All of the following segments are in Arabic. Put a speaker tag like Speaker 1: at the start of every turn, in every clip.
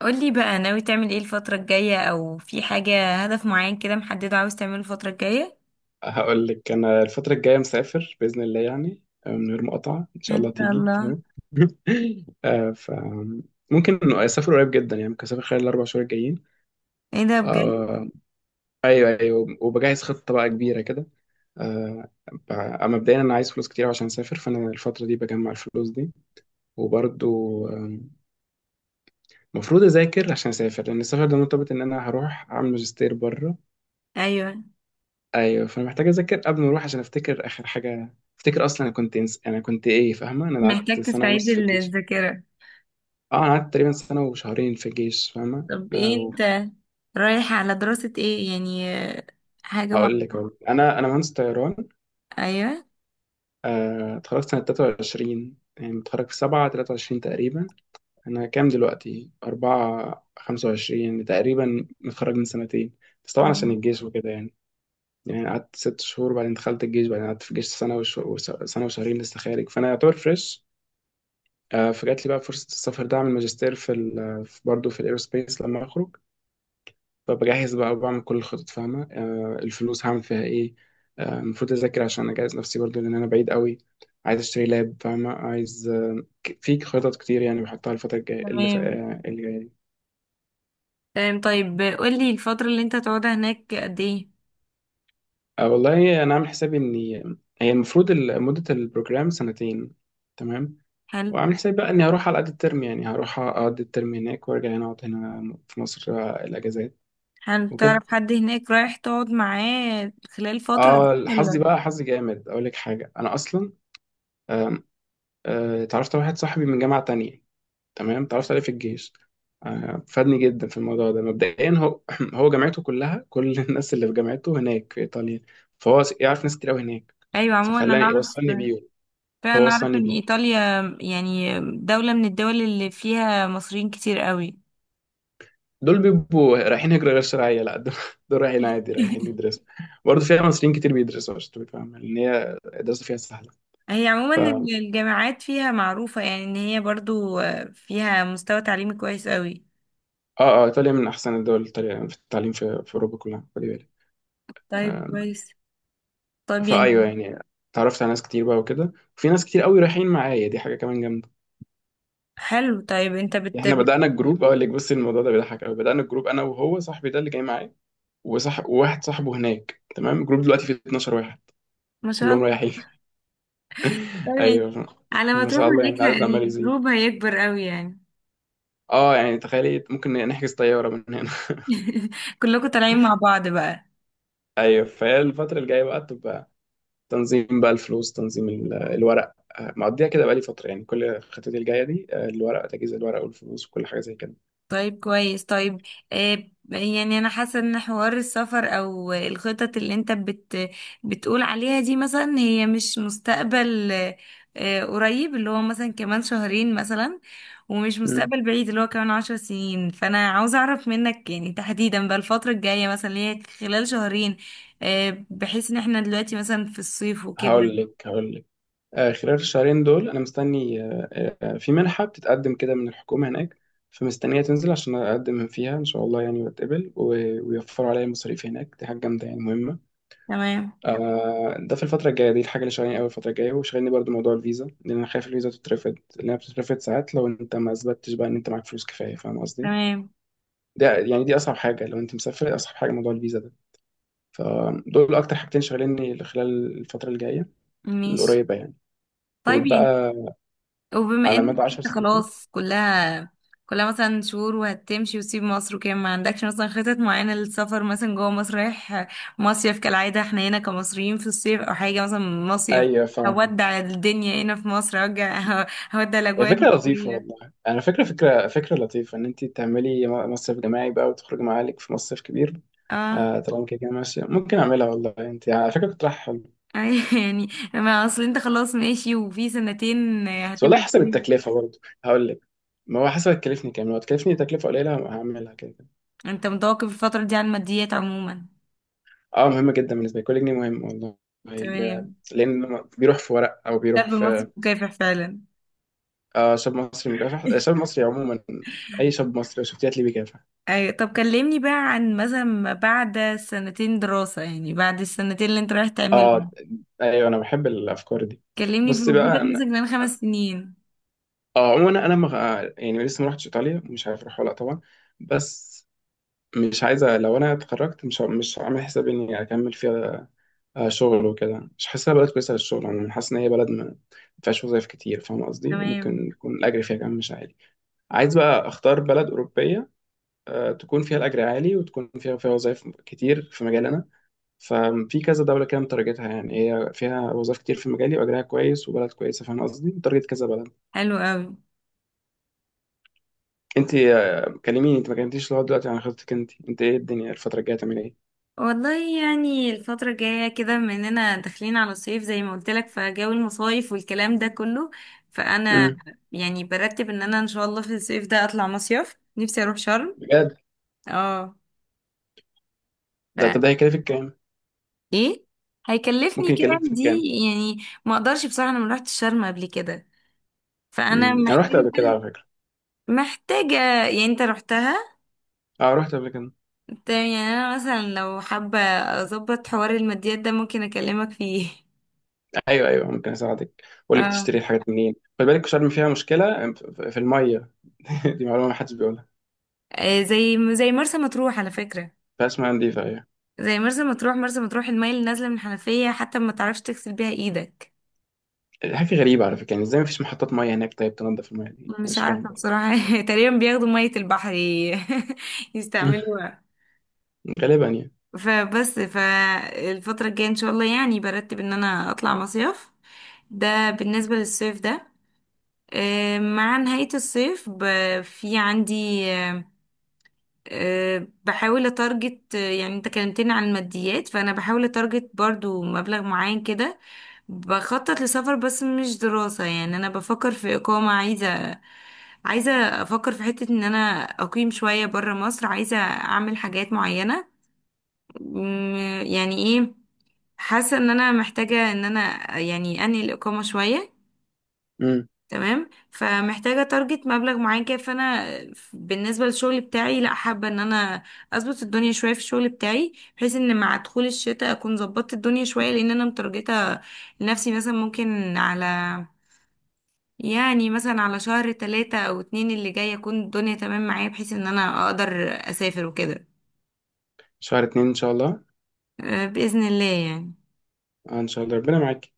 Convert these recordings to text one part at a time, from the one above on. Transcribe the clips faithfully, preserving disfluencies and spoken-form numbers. Speaker 1: قولي بقى، ناوي تعمل ايه الفترة الجاية؟ او في حاجة هدف معين كده محدد عاوز تعمله الفترة الجاية؟
Speaker 2: هقول لك انا الفتره الجايه مسافر باذن الله يعني، آه، من غير مقاطعه ان شاء
Speaker 1: ان
Speaker 2: الله
Speaker 1: شاء
Speaker 2: تيجي
Speaker 1: الله.
Speaker 2: فاهم. آه، ف ممكن اسافر قريب جدا، يعني ممكن اسافر خلال الاربع شهور الجايين.
Speaker 1: ايه ده، بجد؟
Speaker 2: آه، ايوه ايوه، وبجهز خطه بقى كبيره كده. آه، ب- مبدئيا انا عايز فلوس كتير عشان اسافر، فانا الفتره دي بجمع الفلوس دي. وبرضو، آم، المفروض اذاكر عشان اسافر، لان السفر ده مرتبط ان انا هروح اعمل ماجستير بره.
Speaker 1: ايوه.
Speaker 2: ايوه، فانا محتاج اذاكر قبل ما اروح عشان افتكر اخر حاجه افتكر اصلا. انا كنت انس... انا كنت ايه، فاهمه؟ انا قعدت
Speaker 1: محتاج
Speaker 2: سنه
Speaker 1: تستعيد
Speaker 2: ونص في
Speaker 1: ال-
Speaker 2: الجيش.
Speaker 1: الذاكرة.
Speaker 2: اه انا قعدت تقريبا سنه وشهرين في الجيش، فاهمه؟
Speaker 1: طب ايه
Speaker 2: او
Speaker 1: انت رايح على دراسة ايه يعني؟ آه، حاجة
Speaker 2: هقول لك
Speaker 1: معينة؟
Speaker 2: أهو. انا انا مهندس طيران.
Speaker 1: ايوه.
Speaker 2: آه، اتخرجت سنه تلاتة وعشرين، يعني متخرج في سبعة تلاتة وعشرين تقريبا. انا كام دلوقتي؟ اربعة خمسة وعشرين تقريبا، متخرج من سنتين، بس طبعا عشان
Speaker 1: تمام.
Speaker 2: الجيش وكده يعني. يعني قعدت ست شهور، بعدين دخلت الجيش، بعدين قعدت في الجيش سنة وش... وس- سنة وشهرين، لسه خارج، فأنا يعتبر فريش. آه، فجات لي بقى فرصة السفر ده، أعمل ماجستير في ال في برضه في الإيروسبيس لما أخرج. فبجهز بقى وبعمل كل الخطط، فاهمة؟ آه، الفلوس هعمل فيها إيه. آه، المفروض أذاكر عشان أجهز نفسي برضه، لأن أنا بعيد قوي. عايز أشتري لاب، فاهمة؟ عايز آه، ك- في خطط كتير يعني بحطها الفترة الجاية، اللي ف-
Speaker 1: تمام
Speaker 2: آه، اللي جاية دي.
Speaker 1: تمام. طيب قولي، الفترة اللي انت هتقعدها هناك قد ايه؟
Speaker 2: آه، والله أنا عامل حسابي إني، هي المفروض ال- مدة البروجرام سنتين. تمام.
Speaker 1: حلو.
Speaker 2: وعامل حسابي بقى إني هروح على قد الترم، يعني هروح أقضي الترم هناك وأرجع هنا، أقعد هنا في مصر آه، الأجازات
Speaker 1: حلو،
Speaker 2: وكده.
Speaker 1: تعرف حد هناك رايح تقعد معاه خلال الفترة دي
Speaker 2: اه حظي
Speaker 1: ولا؟
Speaker 2: بقى، حظي جامد، اقول لك حاجه، انا اصلا آم، آه، اتعرفت على واحد صاحبي من جامعه تانية. تمام، اتعرفت عليه في الجيش. آه، فادني جدا في الموضوع ده. مبدئيا هو هو جامعته كلها، كل الناس اللي في جامعته هناك في ايطاليا. فهو س- يعرف ناس كتير قوي هناك،
Speaker 1: ايوه، عموما انا
Speaker 2: فخلاني
Speaker 1: اعرف.
Speaker 2: يوصلني بيهم، فهو
Speaker 1: فأنا أعرف
Speaker 2: وصلني
Speaker 1: إن
Speaker 2: بيه.
Speaker 1: إيطاليا يعني دولة من الدول اللي فيها مصريين كتير قوي.
Speaker 2: دول بيبقوا رايحين هجرة غير شرعية؟ لا، دول، دول رايحين عادي، رايحين يدرسوا. برضه فيها مصريين كتير بيدرسوا، عشان تبقى فاهم، لأن هي الدراسة فيها سهلة.
Speaker 1: هي عموما
Speaker 2: ف اه
Speaker 1: ال- الجامعات فيها معروفة، يعني إن هي برضو آه، فيها مستوى تعليمي كويس قوي.
Speaker 2: اه ايطاليا من احسن الدول التالية- في التعليم في, في اوروبا كلها، خلي بالك.
Speaker 1: طيب،
Speaker 2: آم،
Speaker 1: كويس. طب
Speaker 2: فايوه
Speaker 1: يعني.
Speaker 2: يعني، اتعرفت على ناس كتير بقى وكده، وفي ناس كتير قوي رايحين معايا، دي حاجه كمان جامده.
Speaker 1: حلو. طيب أنت
Speaker 2: يعني
Speaker 1: بت...
Speaker 2: احنا
Speaker 1: بت...
Speaker 2: بدانا الجروب، اقول لك، بصي الموضوع ده بيضحك قوي، بدانا الجروب انا وهو صاحبي ده اللي جاي معايا، وصح... وواحد صاحبه هناك، تمام. الجروب دلوقتي فيه اتناشر واحد
Speaker 1: ما شاء
Speaker 2: كلهم
Speaker 1: الله.
Speaker 2: رايحين.
Speaker 1: طيب يعني
Speaker 2: ايوه
Speaker 1: على ما
Speaker 2: ما
Speaker 1: تروح
Speaker 2: شاء الله،
Speaker 1: هناك
Speaker 2: يعني
Speaker 1: ه-
Speaker 2: العدد عمال يزيد.
Speaker 1: الجروب هيكبر قوي يعني.
Speaker 2: اه يعني تخيلي ممكن نحجز طياره من هنا.
Speaker 1: كلكم طالعين مع بعض بقى.
Speaker 2: ايوه، فهي الفتره الجايه بقى تبقى تنظيم بقى الفلوس، تنظيم ال- الورق. آه، مقضيها كده بقى لي فتره، يعني كل خطتي الجايه دي آه، الورق، تجهيز الورق والفلوس وكل حاجه زي
Speaker 1: طيب كويس. طيب، آه، يعني انا حاسه ان حوار السفر او الخطط اللي انت بت بتقول عليها دي، مثلا هي مش مستقبل آه، آه، قريب، اللي هو مثلا كمان شهرين مثلا. ومش
Speaker 2: كده.
Speaker 1: مستقبل بعيد اللي هو كمان عشر سنين، فانا عاوزه اعرف منك يعني، تحديدا بقى، الفتره الجايه مثلا اللي هي خلال شهرين. آه، بحيث ان احنا دلوقتي مثلا في الصيف وكده.
Speaker 2: هقول لك هقول لك، آه، خلال الشهرين دول انا مستني آه، آه، في منحه بتتقدم كده من الحكومه هناك. فمستنيه تنزل عشان اقدم فيها ان شاء الله، يعني واتقبل و- ويوفروا عليا المصاريف هناك، دي حاجه جامده يعني مهمه.
Speaker 1: تمام.
Speaker 2: آه، ده في الفتره الجايه دي الحاجه اللي شغالين قوي الفتره الجايه. وشغالني برضو موضوع الفيزا، لان انا خايف الفيزا تترفض، لانها بتترفض ساعات لو انت ما اثبتتش بقى ان انت معاك فلوس كفايه، فاهم قصدي؟
Speaker 1: تمام.
Speaker 2: ده يعني دي اصعب حاجه لو انت مسافر، اصعب حاجه موضوع الفيزا ده. فدول اكتر حاجتين شغاليني خلال الفتره الجايه
Speaker 1: ماشي.
Speaker 2: القريبه يعني،
Speaker 1: طيب يعني،
Speaker 2: وبقى
Speaker 1: وبما
Speaker 2: على
Speaker 1: انك
Speaker 2: مدى عشر
Speaker 1: انت
Speaker 2: سنين.
Speaker 1: خلاص كلها كلها مثلا شهور وهتمشي وتسيب مصر وكده، ما عندكش مثلا خطط معينة للسفر مثلا جوه مصر؟ رايح مصيف كالعادة احنا هنا كمصريين في الصيف، او حاجة مثلا؟ مصيف،
Speaker 2: ايوه فاهمك.
Speaker 1: هودع الدنيا هنا في مصر. هرجع، هودع
Speaker 2: هي
Speaker 1: الاجواء
Speaker 2: فكره لطيفه
Speaker 1: المصرية.
Speaker 2: والله، انا فكره فكره فكره لطيفه ان انت تعملي م- مصيف جماعي بقى وتخرجي مع عيالك في مصيف كبير.
Speaker 1: اه،
Speaker 2: آه طالما كده كده ماشيه، ممكن اعملها. والله انت على فكره كنت رايح حلو.
Speaker 1: أي يعني، ما اصل انت خلاص ماشي وفي سنتين
Speaker 2: بس والله
Speaker 1: هتبعد
Speaker 2: حسب
Speaker 1: فيه.
Speaker 2: التكلفه برضه، هقول لك، ما هو حسب هتكلفني كام، لو هتكلفني تكلفه قليله هعملها كده كده.
Speaker 1: انت متوقف الفترة دي عن الماديات عموما؟
Speaker 2: اه مهمه جدا بالنسبه لي، كل جنيه مهم والله. ال-
Speaker 1: تمام.
Speaker 2: لان بيروح في ورق او
Speaker 1: شاب
Speaker 2: بيروح
Speaker 1: مصري
Speaker 2: في.
Speaker 1: مكافح فعلا.
Speaker 2: آه شاب مصري مكافح، آه، شاب مصري عموما، اي شاب مصري لو شفتيه هتلاقيه بيكافح.
Speaker 1: أي. طب كلمني بقى عن مثلا ما بعد سنتين دراسة، يعني بعد السنتين اللي انت رايح تعملهم.
Speaker 2: اه، ايوه انا بحب الافكار دي.
Speaker 1: كلمني في
Speaker 2: بص بقى
Speaker 1: وجودك
Speaker 2: أنا-
Speaker 1: مثلا كمان خمس سنين.
Speaker 2: اه عموما انا مغ... يعني لسه ما رحتش ايطاليا، مش عارف اروح ولا لأ طبعا. بس مش عايزه، لو انا اتخرجت مش ه- مش عامل حسابي اني اكمل فيها. آه، شغل وكده، مش حاسسها بلد كويسه للشغل عموما، حاسس ان هي بلد ما ما فيهاش وظايف كتير، فاهم قصدي؟
Speaker 1: تمام.
Speaker 2: وممكن يكون الاجر فيها كمان مش عالي. عايز بقى اختار بلد اوروبيه آه، تكون فيها الاجر عالي، وتكون فيها فيها وظايف كتير في مجالنا. ففي كذا دولة كده مترجتها، يعني هي فيها وظائف كتير في مجالي، وأجرها كويس، وبلد كويسة، فاهم قصدي؟ مترجت كذا بلد.
Speaker 1: حلو قوي.
Speaker 2: أنت، آه، كلميني، أنت ما كلمتيش لغاية دلوقتي عن خطتك. أنت أنت إيه الدنيا الفترة الجاية، تعمل إيه؟
Speaker 1: والله، يعني الفترة الجاية كده بما اننا داخلين على الصيف زي ما قلت لك، فجو المصايف والكلام ده كله، فأنا
Speaker 2: امم
Speaker 1: يعني برتب ان انا ان شاء الله في الصيف ده اطلع مصيف، نفسي اروح شرم.
Speaker 2: بجد.
Speaker 1: اه. ف،
Speaker 2: ده طب ده هيكلفك كام؟
Speaker 1: ايه هيكلفني
Speaker 2: ممكن
Speaker 1: كام
Speaker 2: يكلفك
Speaker 1: دي؟
Speaker 2: كام؟
Speaker 1: يعني ما اقدرش بصراحة، انا ما رحتش شرم قبل كده، فانا
Speaker 2: امم، أنا رحت
Speaker 1: محتاجه،
Speaker 2: قبل كده على فكرة.
Speaker 1: محتاجة يعني. انت رحتها؟
Speaker 2: أه رحت قبل كده.
Speaker 1: تمام، يعني انا مثلا لو حابة اظبط حوار الماديات ده ممكن اكلمك فيه.
Speaker 2: أيوه، أيوه، ممكن أساعدك، أقول لك
Speaker 1: اه،
Speaker 2: تشتري الحاجات منين. خلي بالك شرم فيها مشكلة في في المية. دي معلومة ما حدش بيقولها.
Speaker 1: آه، زي زي مرسى مطروح على فكرة.
Speaker 2: فيها اسمها نضيفة، أيوه.
Speaker 1: زي مرسى مطروح، مرسى مطروح المية اللي نازلة من الحنفية حتى ما تعرفش تغسل بيها ايدك.
Speaker 2: حاجة غريبة على فكرة، يعني إزاي مفيش محطات مية هناك؟ طيب تنضف المية دي؟ أنا
Speaker 1: مش
Speaker 2: مش فاهم.
Speaker 1: عارفة بصراحة. تقريبا بياخدوا مية البحر ي- يستعملوها.
Speaker 2: غالبا يعني.
Speaker 1: فبس، فالفترة الجاية ان شاء الله يعني برتب ان انا اطلع مصيف. ده بالنسبة للصيف ده. آه، مع نهاية الصيف ب- في عندي آه، آه، بحاول اتارجت، آه، يعني انت كلمتني عن الماديات فانا بحاول اتارجت برضو مبلغ معين كده. بخطط لسفر بس مش دراسة، يعني انا بفكر في اقامة، عايزة عايزة افكر في حتة ان انا اقيم شوية برا مصر، عايزة اعمل حاجات معينة. مم، يعني ايه، حاسة ان انا محتاجة ان انا يعني انهي الاقامة شوية.
Speaker 2: امم.
Speaker 1: تمام. فمحتاجة تارجت مبلغ معين كده. فأنا بالنسبة للشغل بتاعي، لا، حابة إن أنا أظبط الدنيا شوية في الشغل بتاعي بحيث إن مع دخول الشتاء أكون ظبطت الدنيا شوية، لأن أنا مترجتة لنفسي مثلا ممكن على، يعني مثلا على شهر تلاتة أو اتنين اللي جاي أكون الدنيا تمام معايا، بحيث إن أنا أقدر أسافر وكده.
Speaker 2: شهر اتنين ان شاء الله.
Speaker 1: أه، بإذن الله يعني.
Speaker 2: آه ان شاء الله، ربنا معاك.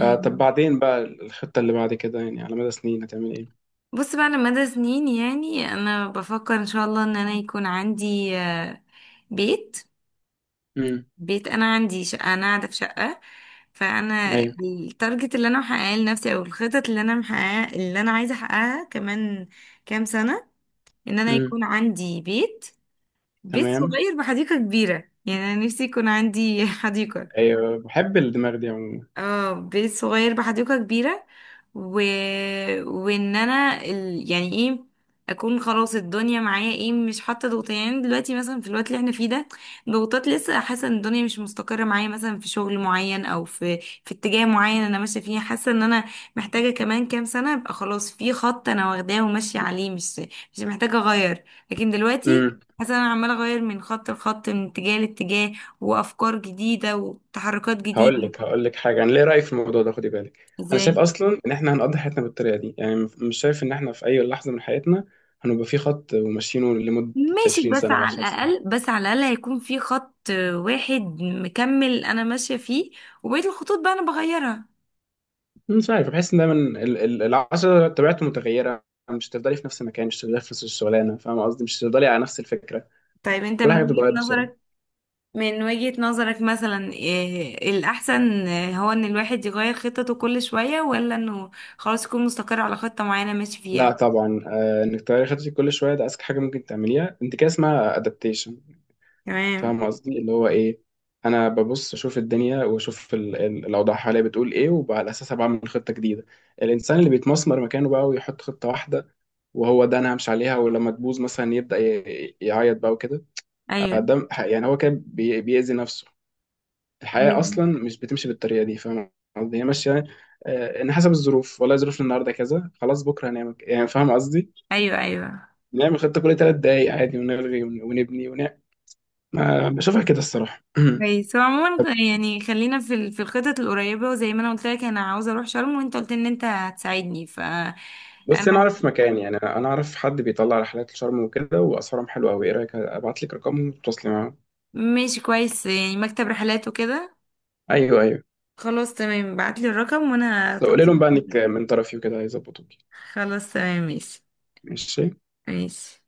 Speaker 2: آه، طب بعدين بقى الخطة اللي بعد كده، يعني على مدى سنين هتعمل ايه؟
Speaker 1: بص بقى، أنا مدى سنين يعني أنا بفكر إن شاء الله إن أنا يكون عندي آه، بيت.
Speaker 2: امم.
Speaker 1: بيت، انا عندي شقه، انا قاعده في شقه، فانا
Speaker 2: ايوه.
Speaker 1: التارجت اللي انا محققاه لنفسي او الخطط اللي انا محققاه اللي انا عايزه احققها كمان كام سنه، ان انا
Speaker 2: امم.
Speaker 1: يكون عندي بيت، بيت
Speaker 2: تمام.
Speaker 1: صغير بحديقه كبيره. يعني انا نفسي يكون عندي حديقه.
Speaker 2: ايوه بحب الدماغ دي عموما.
Speaker 1: اه، بيت صغير بحديقة كبيرة. و... وان انا ال... يعني ايه، اكون خلاص الدنيا معايا ايه مش حاطه ضغوط. يعني دلوقتي مثلا في الوقت اللي احنا فيه ده ضغوطات، لسه حاسه ان الدنيا مش مستقره معايا، مثلا في شغل معين او في في اتجاه معين انا ماشيه فيه. حاسه ان انا محتاجه كمان كام سنه ابقى خلاص في خط انا واخداه وماشيه عليه، مش مش محتاجه اغير. لكن دلوقتي
Speaker 2: امم.
Speaker 1: حاسه ان انا عماله اغير من خط لخط من اتجاه لاتجاه، وافكار جديده وتحركات
Speaker 2: هقول
Speaker 1: جديده.
Speaker 2: لك هقول لك حاجة، انا ليه رأيي في الموضوع ده، خدي بالك. انا شايف
Speaker 1: ازاي؟
Speaker 2: اصلا ان احنا هنقضي حياتنا بالطريقة دي، يعني م- مش شايف ان احنا في اي لحظة من حياتنا هنبقى في خط وماشيينه لمدة
Speaker 1: ماشي،
Speaker 2: عشرين
Speaker 1: بس
Speaker 2: سنة او
Speaker 1: على
Speaker 2: عشر سنين.
Speaker 1: الأقل، بس على الأقل هيكون في خط واحد مكمل أنا ماشية فيه، وبقية الخطوط بقى أنا بغيرها.
Speaker 2: مش عارف، بحس ان دايما ال- ال- العشرة طبيعته متغيرة، مش هتفضلي في نفس المكان، مش هتفضلي في نفس الشغلانة، فاهم قصدي؟ مش هتفضلي على نفس الفكرة،
Speaker 1: طيب أنت
Speaker 2: كل
Speaker 1: من
Speaker 2: حاجه
Speaker 1: وجهة
Speaker 2: بتتغير بسرعه.
Speaker 1: نظرك، من وجهة نظرك مثلا، إيه الأحسن، إيه هو، إن الواحد يغير خطته كل شوية، ولا إنه خلاص يكون مستقر على خطة معينة ماشي
Speaker 2: لا
Speaker 1: فيها؟
Speaker 2: طبعا، آه انك تغيري خطتك كل شويه ده اذكى حاجه ممكن تعمليها، انت كده اسمها ادابتيشن،
Speaker 1: تمام.
Speaker 2: فاهم قصدي؟ اللي هو ايه، انا ببص اشوف الدنيا، واشوف ال- ال- الاوضاع حواليا بتقول ايه، وعلى اساسها بعمل خطه جديده. الانسان اللي بيتمسمر مكانه بقى ويحط خطه واحده وهو ده انا همشي عليها، ولما تبوظ مثلا يبدا ي- يعيط بقى وكده. آه،
Speaker 1: أيوه
Speaker 2: ده ح- يعني هو كده بي- بيأذي نفسه. الحياة
Speaker 1: أيوه.
Speaker 2: أصلا مش بتمشي بالطريقة دي، فاهم قصدي؟ هي ماشية آه، إن حسب الظروف، والله ظروف النهاردة كذا، خلاص بكرة هنعمل ك- يعني، فاهم قصدي؟
Speaker 1: أيوه أيوه.
Speaker 2: نعمل خطة كل تلات دقايق عادي، ونلغي ون- ونبني ونعمل. ما بشوفها كده الصراحة.
Speaker 1: كويس. هو عموما يعني خلينا في ال- في الخطط القريبة، وزي ما أنا قلت لك أنا عاوزة أروح شرم وأنت قلت إن أنت هتساعدني، ف.
Speaker 2: بس أنا أعرف مكان، يعني أنا أعرف حد بيطلع رحلات لشرم وكده وأسعارهم حلوة أوي. إيه رأيك أبعت لك رقمهم وتتواصلي معاهم؟
Speaker 1: ماشي، كويس. يعني مكتب رحلات وكده.
Speaker 2: أيوه، أيوه،
Speaker 1: خلاص تمام، بعتلي الرقم وانا
Speaker 2: بس لو قولي
Speaker 1: هتواصل
Speaker 2: لهم بقى إنك
Speaker 1: معاك.
Speaker 2: من طرفي وكده هيظبطوك.
Speaker 1: خلاص تمام. ماشي.
Speaker 2: ماشي
Speaker 1: ماشي.